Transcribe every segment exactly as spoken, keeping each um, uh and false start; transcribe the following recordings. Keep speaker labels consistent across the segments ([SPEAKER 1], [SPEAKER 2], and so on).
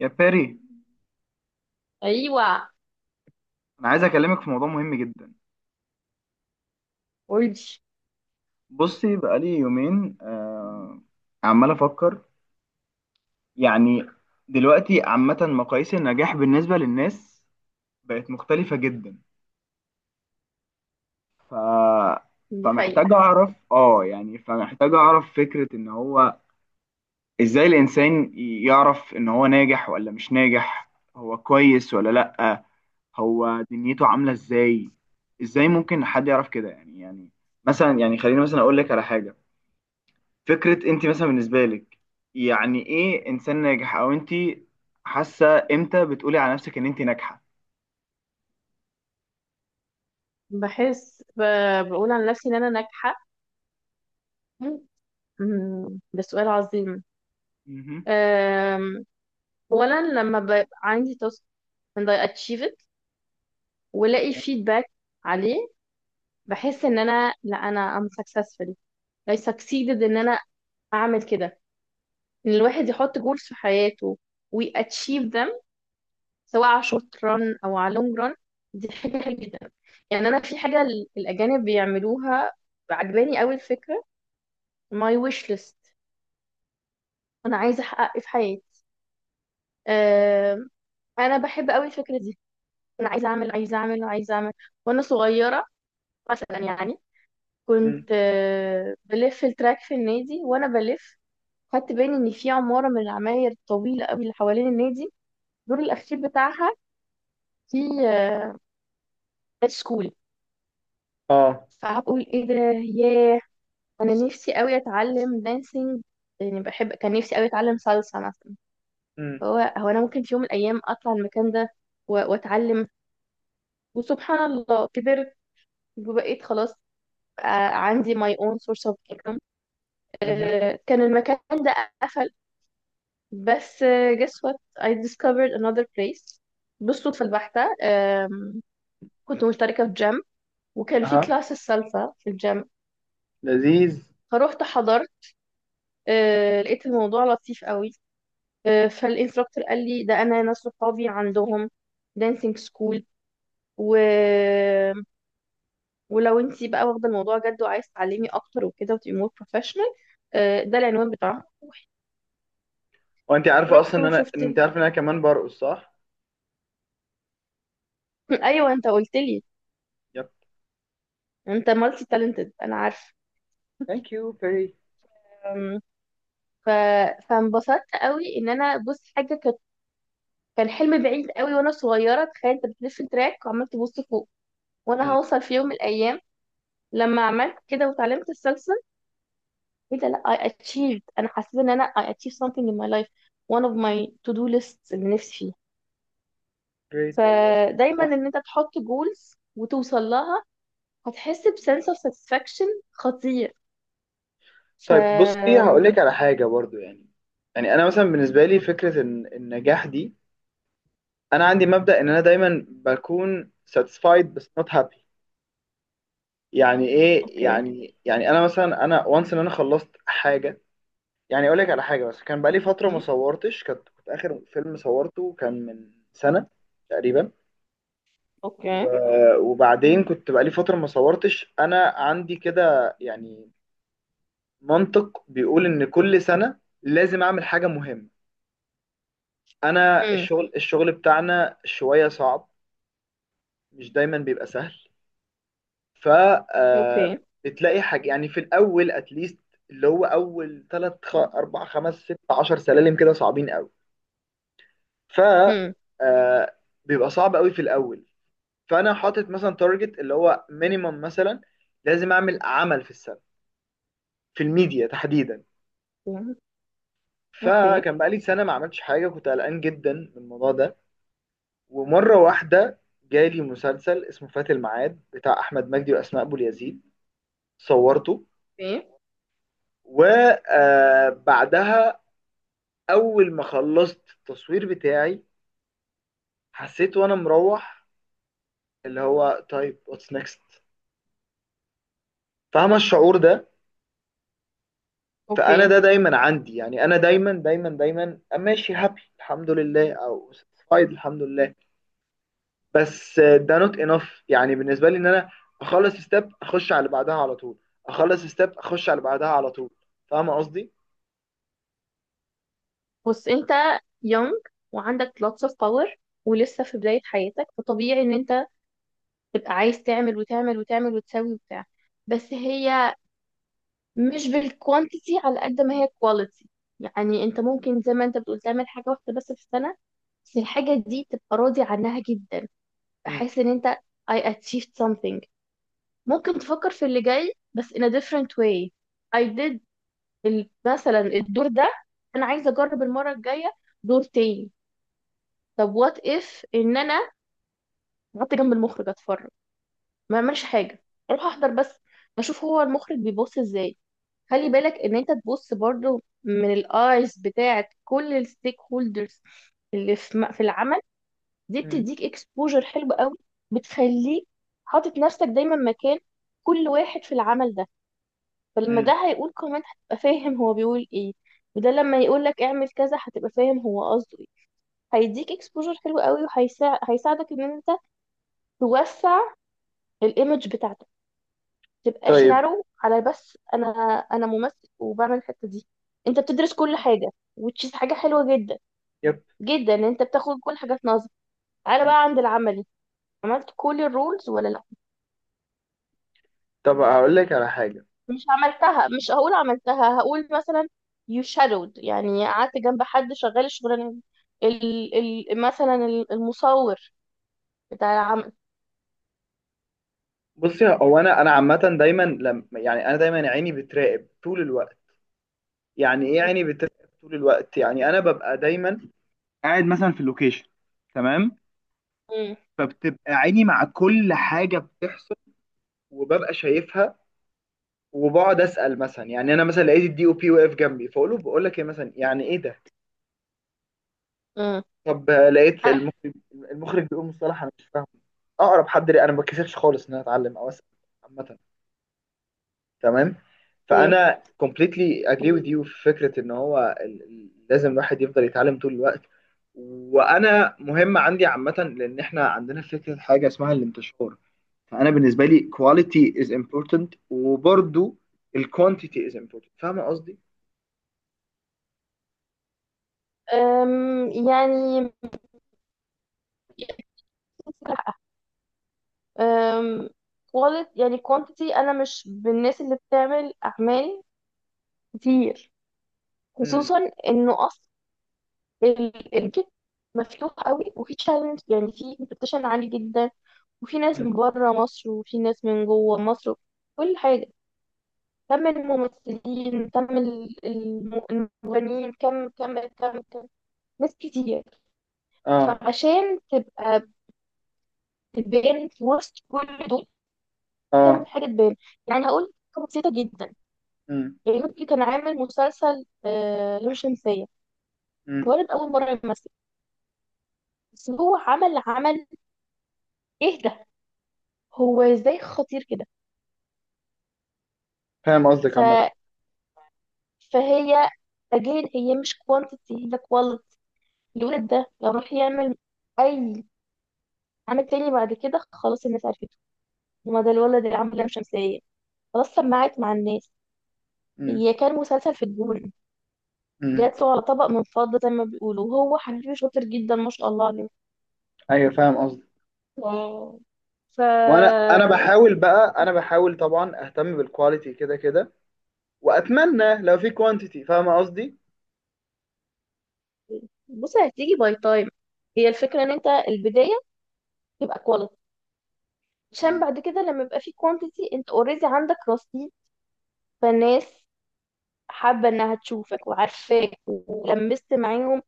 [SPEAKER 1] يا باري،
[SPEAKER 2] ايوه.
[SPEAKER 1] انا عايز اكلمك في موضوع مهم جدا.
[SPEAKER 2] قولي.
[SPEAKER 1] بصي، بقالي يومين آه عمال افكر. يعني دلوقتي عامة مقاييس النجاح بالنسبة للناس بقت مختلفة جدا. ف...
[SPEAKER 2] دي حقيقة.
[SPEAKER 1] فمحتاج اعرف، اه يعني فمحتاج اعرف فكرة ان هو ازاي الانسان يعرف ان هو ناجح ولا مش ناجح، هو كويس ولا لأ، هو دنيته عاملة ازاي. ازاي ممكن حد يعرف كده؟ يعني يعني مثلا، يعني خليني مثلا اقول لك على حاجة. فكرة انت مثلا بالنسبة لك يعني ايه انسان ناجح؟ او انت حاسة امتى بتقولي على نفسك ان انت ناجحة؟
[SPEAKER 2] بحس ب... بقول عن نفسي ان انا ناجحة. أمم، ده سؤال عظيم.
[SPEAKER 1] مهم.
[SPEAKER 2] أم، اولا لما بيبقى عندي تاسك and I achieve it والاقي
[SPEAKER 1] اوكي.
[SPEAKER 2] feedback عليه، بحس ان انا لا انا I'm successful. I succeeded ان انا اعمل كده. ان الواحد يحط goals في حياته و achieve them، سواء على short run او على long run، دي حاجة حلوة جدا. يعني انا في حاجة ال- الاجانب بيعملوها، عجباني قوي الفكرة، ماي ويش ليست: انا عايزه احقق ايه في حياتي. أم، انا بحب قوي الفكره دي. انا عايزه اعمل، عايزه اعمل، عايزه اعمل. وانا صغيره مثلا، يعني
[SPEAKER 1] مم.
[SPEAKER 2] كنت أه، بلف التراك في النادي، وانا بلف خدت بالي ان في عماره من العماير الطويله قوي اللي حوالين النادي، الدور الاخير بتاعها في دانس سكول.
[SPEAKER 1] اه.
[SPEAKER 2] فهقول ايه ده؟ ياه، انا نفسي قوي اتعلم دانسينج، يعني بحب، كان نفسي قوي اتعلم صلصه مثلا.
[SPEAKER 1] مم.
[SPEAKER 2] هو هو انا ممكن في يوم من الايام اطلع المكان ده و- واتعلم. وسبحان الله كبرت وبقيت خلاص، آه، عندي my own source of income.
[SPEAKER 1] مهم.
[SPEAKER 2] آه، كان المكان ده قفل، بس آه، guess what، I discovered another place بالصدفة البحتة. آم، كنت مشتركة في جيم، وكان في
[SPEAKER 1] اها،
[SPEAKER 2] كلاس السلسة في الجيم،
[SPEAKER 1] لذيذ.
[SPEAKER 2] فروحت حضرت. آه، لقيت الموضوع لطيف قوي. آه، فالانستراكتور قال لي ده انا ناس صحابي عندهم dancing school، و ولو انت بقى واخده الموضوع جد وعايز تعلمي اكتر وكده وتبقي مور بروفيشنال، ده العنوان بتاعها.
[SPEAKER 1] وانت عارفه
[SPEAKER 2] رحت
[SPEAKER 1] اصلا ان انا،
[SPEAKER 2] وشفت
[SPEAKER 1] انت
[SPEAKER 2] ال...
[SPEAKER 1] عارفه ان انا كمان برقص، صح؟
[SPEAKER 2] ايوه، انت قلت لي.
[SPEAKER 1] يب.
[SPEAKER 2] انت مالتي تالنتد، انا عارفه.
[SPEAKER 1] ثانك يو فيري.
[SPEAKER 2] أم، ف... فانبسطت قوي ان انا، بص، حاجه كانت، كان حلم بعيد قوي وانا صغيره. تخيل انت بتلف تراك وعمال تبص فوق وانا هوصل في يوم من الايام، لما عملت كده وتعلمت السلسله. ايه ده! لا! I achieved انا حسيت ان انا I achieved something in my life، one of my to do lists اللي نفسي فيها.
[SPEAKER 1] جريت والله.
[SPEAKER 2] فدايما
[SPEAKER 1] صح.
[SPEAKER 2] ان انت تحط جولز وتوصل لها، هتحس بسنس اوف ساتسفاكشن خطير. ف
[SPEAKER 1] طيب بصي، هقول لك على حاجه برضو. يعني يعني انا مثلا بالنسبه لي فكره ان النجاح دي، انا عندي مبدا ان انا دايما بكون satisfied بس not happy. يعني ايه
[SPEAKER 2] اوكي.
[SPEAKER 1] يعني؟ يعني انا مثلا انا وانس ان انا خلصت حاجه. يعني اقول لك على حاجه، بس كان بقالي فتره ما
[SPEAKER 2] مم.
[SPEAKER 1] صورتش. كنت كنت اخر فيلم صورته كان من سنه تقريبا.
[SPEAKER 2] اوكي.
[SPEAKER 1] و- وبعدين كنت بقالي فتره ما صورتش. انا عندي كده يعني منطق بيقول ان كل سنه لازم اعمل حاجه مهمه. انا
[SPEAKER 2] مم.
[SPEAKER 1] الشغل الشغل بتاعنا شويه صعب، مش دايما بيبقى سهل. ف آه،
[SPEAKER 2] اوكي.
[SPEAKER 1] بتلاقي حاجة يعني في الأول أتليست، اللي هو أول تلات خ... أربع خمس ست عشر سلالم كده صعبين أوي. ف
[SPEAKER 2] مم.
[SPEAKER 1] آه، بيبقى صعب أوي في الأول. فأنا حاطط مثلا تارجت اللي هو مينيمم مثلا، لازم أعمل عمل في السنة، في الميديا تحديدا.
[SPEAKER 2] مم. اوكي.
[SPEAKER 1] فكان بقالي سنة ما عملتش حاجة، كنت قلقان جدا من الموضوع ده. ومرة واحدة جالي مسلسل اسمه فات الميعاد بتاع أحمد مجدي وأسماء أبو اليزيد. صورته،
[SPEAKER 2] اوكي.
[SPEAKER 1] وبعدها اول ما خلصت التصوير بتاعي، حسيت وانا مروح اللي هو طيب، واتس نيكست؟ فاهمه الشعور ده؟ فانا
[SPEAKER 2] اوكي.
[SPEAKER 1] ده دايما عندي، يعني انا دايما دايما دايما ماشي هابي الحمد لله او ساتيسفايد الحمد لله، بس ده نوت انف يعني بالنسبه لي. ان انا اخلص ستيب اخش على اللي بعدها على طول، اخلص ستيب اخش على اللي بعدها على طول. فاهمه قصدي؟
[SPEAKER 2] بص، انت يونج وعندك lots of power ولسه في بداية حياتك، فطبيعي ان انت تبقى عايز تعمل وتعمل وتعمل وتسوي وبتاع. بس هي مش بالكوانتيتي على قد ما هي كواليتي. يعني انت ممكن زي ما انت بتقول تعمل حاجة واحدة بس في السنة، بس الحاجة دي تبقى راضي عنها جدا.
[SPEAKER 1] مم.
[SPEAKER 2] احس ان انت I achieved something، ممكن تفكر في اللي جاي بس in a different way. I did ال- مثلا الدور ده، انا عايزة اجرب المرة الجاية دور تاني. طب what if ان انا قعدت جنب المخرج اتفرج، ما اعملش حاجة، اروح احضر بس، اشوف هو المخرج بيبص ازاي. خلي بالك ان انت تبص برضو من الايز بتاعت كل الستيك هولدرز اللي في م- في العمل. دي
[SPEAKER 1] مم.
[SPEAKER 2] بتديك اكسبوجر حلو قوي، بتخليك حاطط نفسك دايما مكان كل واحد في العمل ده. فلما
[SPEAKER 1] مم.
[SPEAKER 2] ده هيقول كومنت هتبقى فاهم هو بيقول ايه، وده لما يقول لك اعمل كذا هتبقى فاهم هو قصده ايه. هيديك اكسبوجر حلو قوي، وهيساعدك ان انت توسع الايمج بتاعتك. تبقاش
[SPEAKER 1] طيب.
[SPEAKER 2] نارو على بس انا، انا ممثل وبعمل الحته دي. انت بتدرس كل حاجه وتشيز، حاجه حلوه جدا
[SPEAKER 1] يب.
[SPEAKER 2] جدا ان انت بتاخد كل حاجه في نظر. تعالى
[SPEAKER 1] مم.
[SPEAKER 2] بقى عند العملي: عملت كل الرولز ولا لا؟
[SPEAKER 1] طب هقول لك على حاجه.
[SPEAKER 2] مش عملتها، مش هقول عملتها، هقول مثلا you shadowed، يعني قعدت جنب حد شغال الشغلانه دي. ال ال مثلا ال- المصور بتاع العمل.
[SPEAKER 1] بصي، هو انا انا عامه دايما لما، يعني انا دايما عيني بتراقب طول الوقت. يعني ايه عيني بتراقب طول الوقت؟ يعني انا ببقى دايما قاعد مثلا في اللوكيشن، تمام؟
[SPEAKER 2] امم.
[SPEAKER 1] فبتبقى عيني مع كل حاجه بتحصل وببقى شايفها. وبقعد اسال، مثلا يعني انا مثلا لقيت الدي او بي واقف جنبي، فاقول له بقول لك ايه مثلا، يعني ايه ده؟
[SPEAKER 2] امم.
[SPEAKER 1] طب لقيت
[SPEAKER 2] عارف.
[SPEAKER 1] المخرج، المخرج بيقول مصطلح انا مش فاهمه، اقرب حد ليه انا ما بتكسفش خالص ان انا اتعلم او اسال. عامه، تمام.
[SPEAKER 2] ايه،
[SPEAKER 1] فانا completely agree with you في فكره ان هو ال- ال- لازم الواحد يفضل يتعلم طول الوقت. وانا مهم عندي عامه، لان احنا عندنا فكره حاجه اسمها الانتشار. فانا بالنسبه لي quality is important، وبرضو ال quantity is important. فاهم قصدي؟
[SPEAKER 2] أم، يعني أم، quality يعني quantity، انا مش بالناس اللي بتعمل اعمال كتير.
[SPEAKER 1] امم.
[SPEAKER 2] خصوصا انه اصلا الكيت مفتوح قوي وفي تشالنج، يعني في كومبيتيشن عالي جدا، وفي ناس
[SPEAKER 1] أمم.
[SPEAKER 2] من بره مصر وفي ناس من جوه مصر، كل حاجه. كم الممثلين، كم ال- الم- المغنيين، كم كم كم كم، ناس كتير.
[SPEAKER 1] اه.
[SPEAKER 2] فعشان تبقى تبان في وسط كل دول
[SPEAKER 1] اه.
[SPEAKER 2] تعمل حاجه تبان. يعني هقول حاجة بسيطه جدا:
[SPEAKER 1] امم.
[SPEAKER 2] يعني مكي كان عامل مسلسل آه، لام شمسية.
[SPEAKER 1] امم.
[SPEAKER 2] الولد أول مرة يمثل، بس هو عمل عمل. إيه ده، هو إزاي خطير كده!
[SPEAKER 1] فاهم قصدك
[SPEAKER 2] ف...
[SPEAKER 1] عامه.
[SPEAKER 2] فهي، أجين، هي مش كوانتيتي، هي كواليتي. الولد ده لو راح يعمل أي عمل تاني بعد كده، خلاص الناس عرفته، وما ده الولد اللي عمل لام شمسية، خلاص سمعت مع الناس.
[SPEAKER 1] امم.
[SPEAKER 2] هي كان مسلسل في الجون،
[SPEAKER 1] امم.
[SPEAKER 2] جات له على طبق من فضة زي ما بيقولوا، وهو حبيبي شاطر جدا ما شاء الله عليه.
[SPEAKER 1] ايوه، فاهم قصدك.
[SPEAKER 2] واو. ف...
[SPEAKER 1] وانا انا بحاول بقى، انا بحاول طبعا اهتم بالكواليتي كده كده، واتمنى لو في كوانتيتي. فاهمه قصدي؟
[SPEAKER 2] بص، هتيجي باي تايم. هي الفكره ان انت البدايه تبقى كواليتي، عشان
[SPEAKER 1] مم.
[SPEAKER 2] بعد كده لما يبقى في كوانتيتي انت اوريدي عندك رصيد. فالناس حابه انها تشوفك وعارفاك ولمست معاهم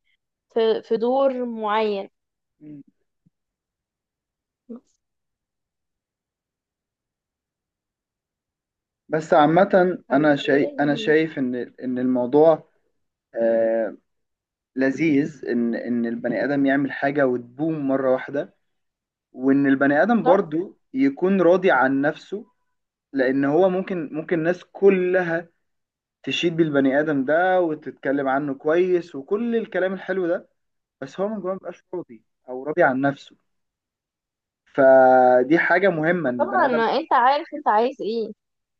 [SPEAKER 2] في في دور معين،
[SPEAKER 1] مم.
[SPEAKER 2] بس.
[SPEAKER 1] بس عامة أنا شايف أنا
[SPEAKER 2] فبتهيألي.
[SPEAKER 1] شايف إن إن الموضوع آه لذيذ. إن إن البني آدم يعمل حاجة وتبوم مرة واحدة، وإن البني آدم
[SPEAKER 2] صح.
[SPEAKER 1] برضو يكون راضي عن نفسه. لأن هو ممكن ممكن الناس كلها تشيد بالبني آدم ده وتتكلم عنه كويس وكل الكلام الحلو ده، بس هو من جواه مبقاش راضي أو راضي عن نفسه. فدي حاجة مهمة إن البني
[SPEAKER 2] طبعا
[SPEAKER 1] آدم.
[SPEAKER 2] ما انت عارف انت عايز ايه،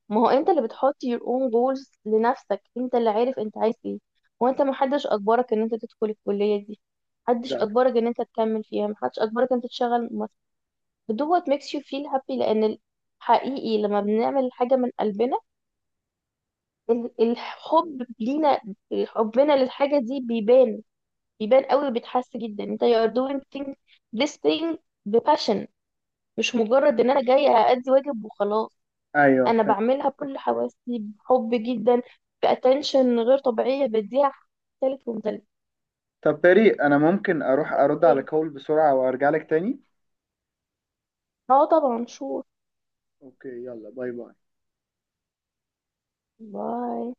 [SPEAKER 2] ما هو انت
[SPEAKER 1] بالظبط.
[SPEAKER 2] اللي بتحط your own goals لنفسك، انت اللي عارف انت عايز ايه. وانت، محدش اجبرك ان انت تدخل الكليه دي، محدش
[SPEAKER 1] بالظبط.
[SPEAKER 2] اجبرك ان انت تكمل فيها، محدش اجبرك ان انت تشتغل. دوت makes you feel happy لان ال- حقيقي لما بنعمل حاجة من قلبنا، ال- الحب لينا، حبنا للحاجة دي بيبان، بيبان قوي وبيتحس جدا انت you are doing thing, this thing بباشن، مش مجرد ان انا جاية أأدي واجب وخلاص.
[SPEAKER 1] أيوه.
[SPEAKER 2] انا بعملها بكل حواسي بحب جدا، بأتنشن غير طبيعية بديها تالت ومتالت.
[SPEAKER 1] طب بريء انا ممكن اروح ارد على
[SPEAKER 2] ايه؟
[SPEAKER 1] كول بسرعة وارجع لك تاني؟
[SPEAKER 2] اه، طبعا، شور.
[SPEAKER 1] اوكي، يلا باي باي.
[SPEAKER 2] باي.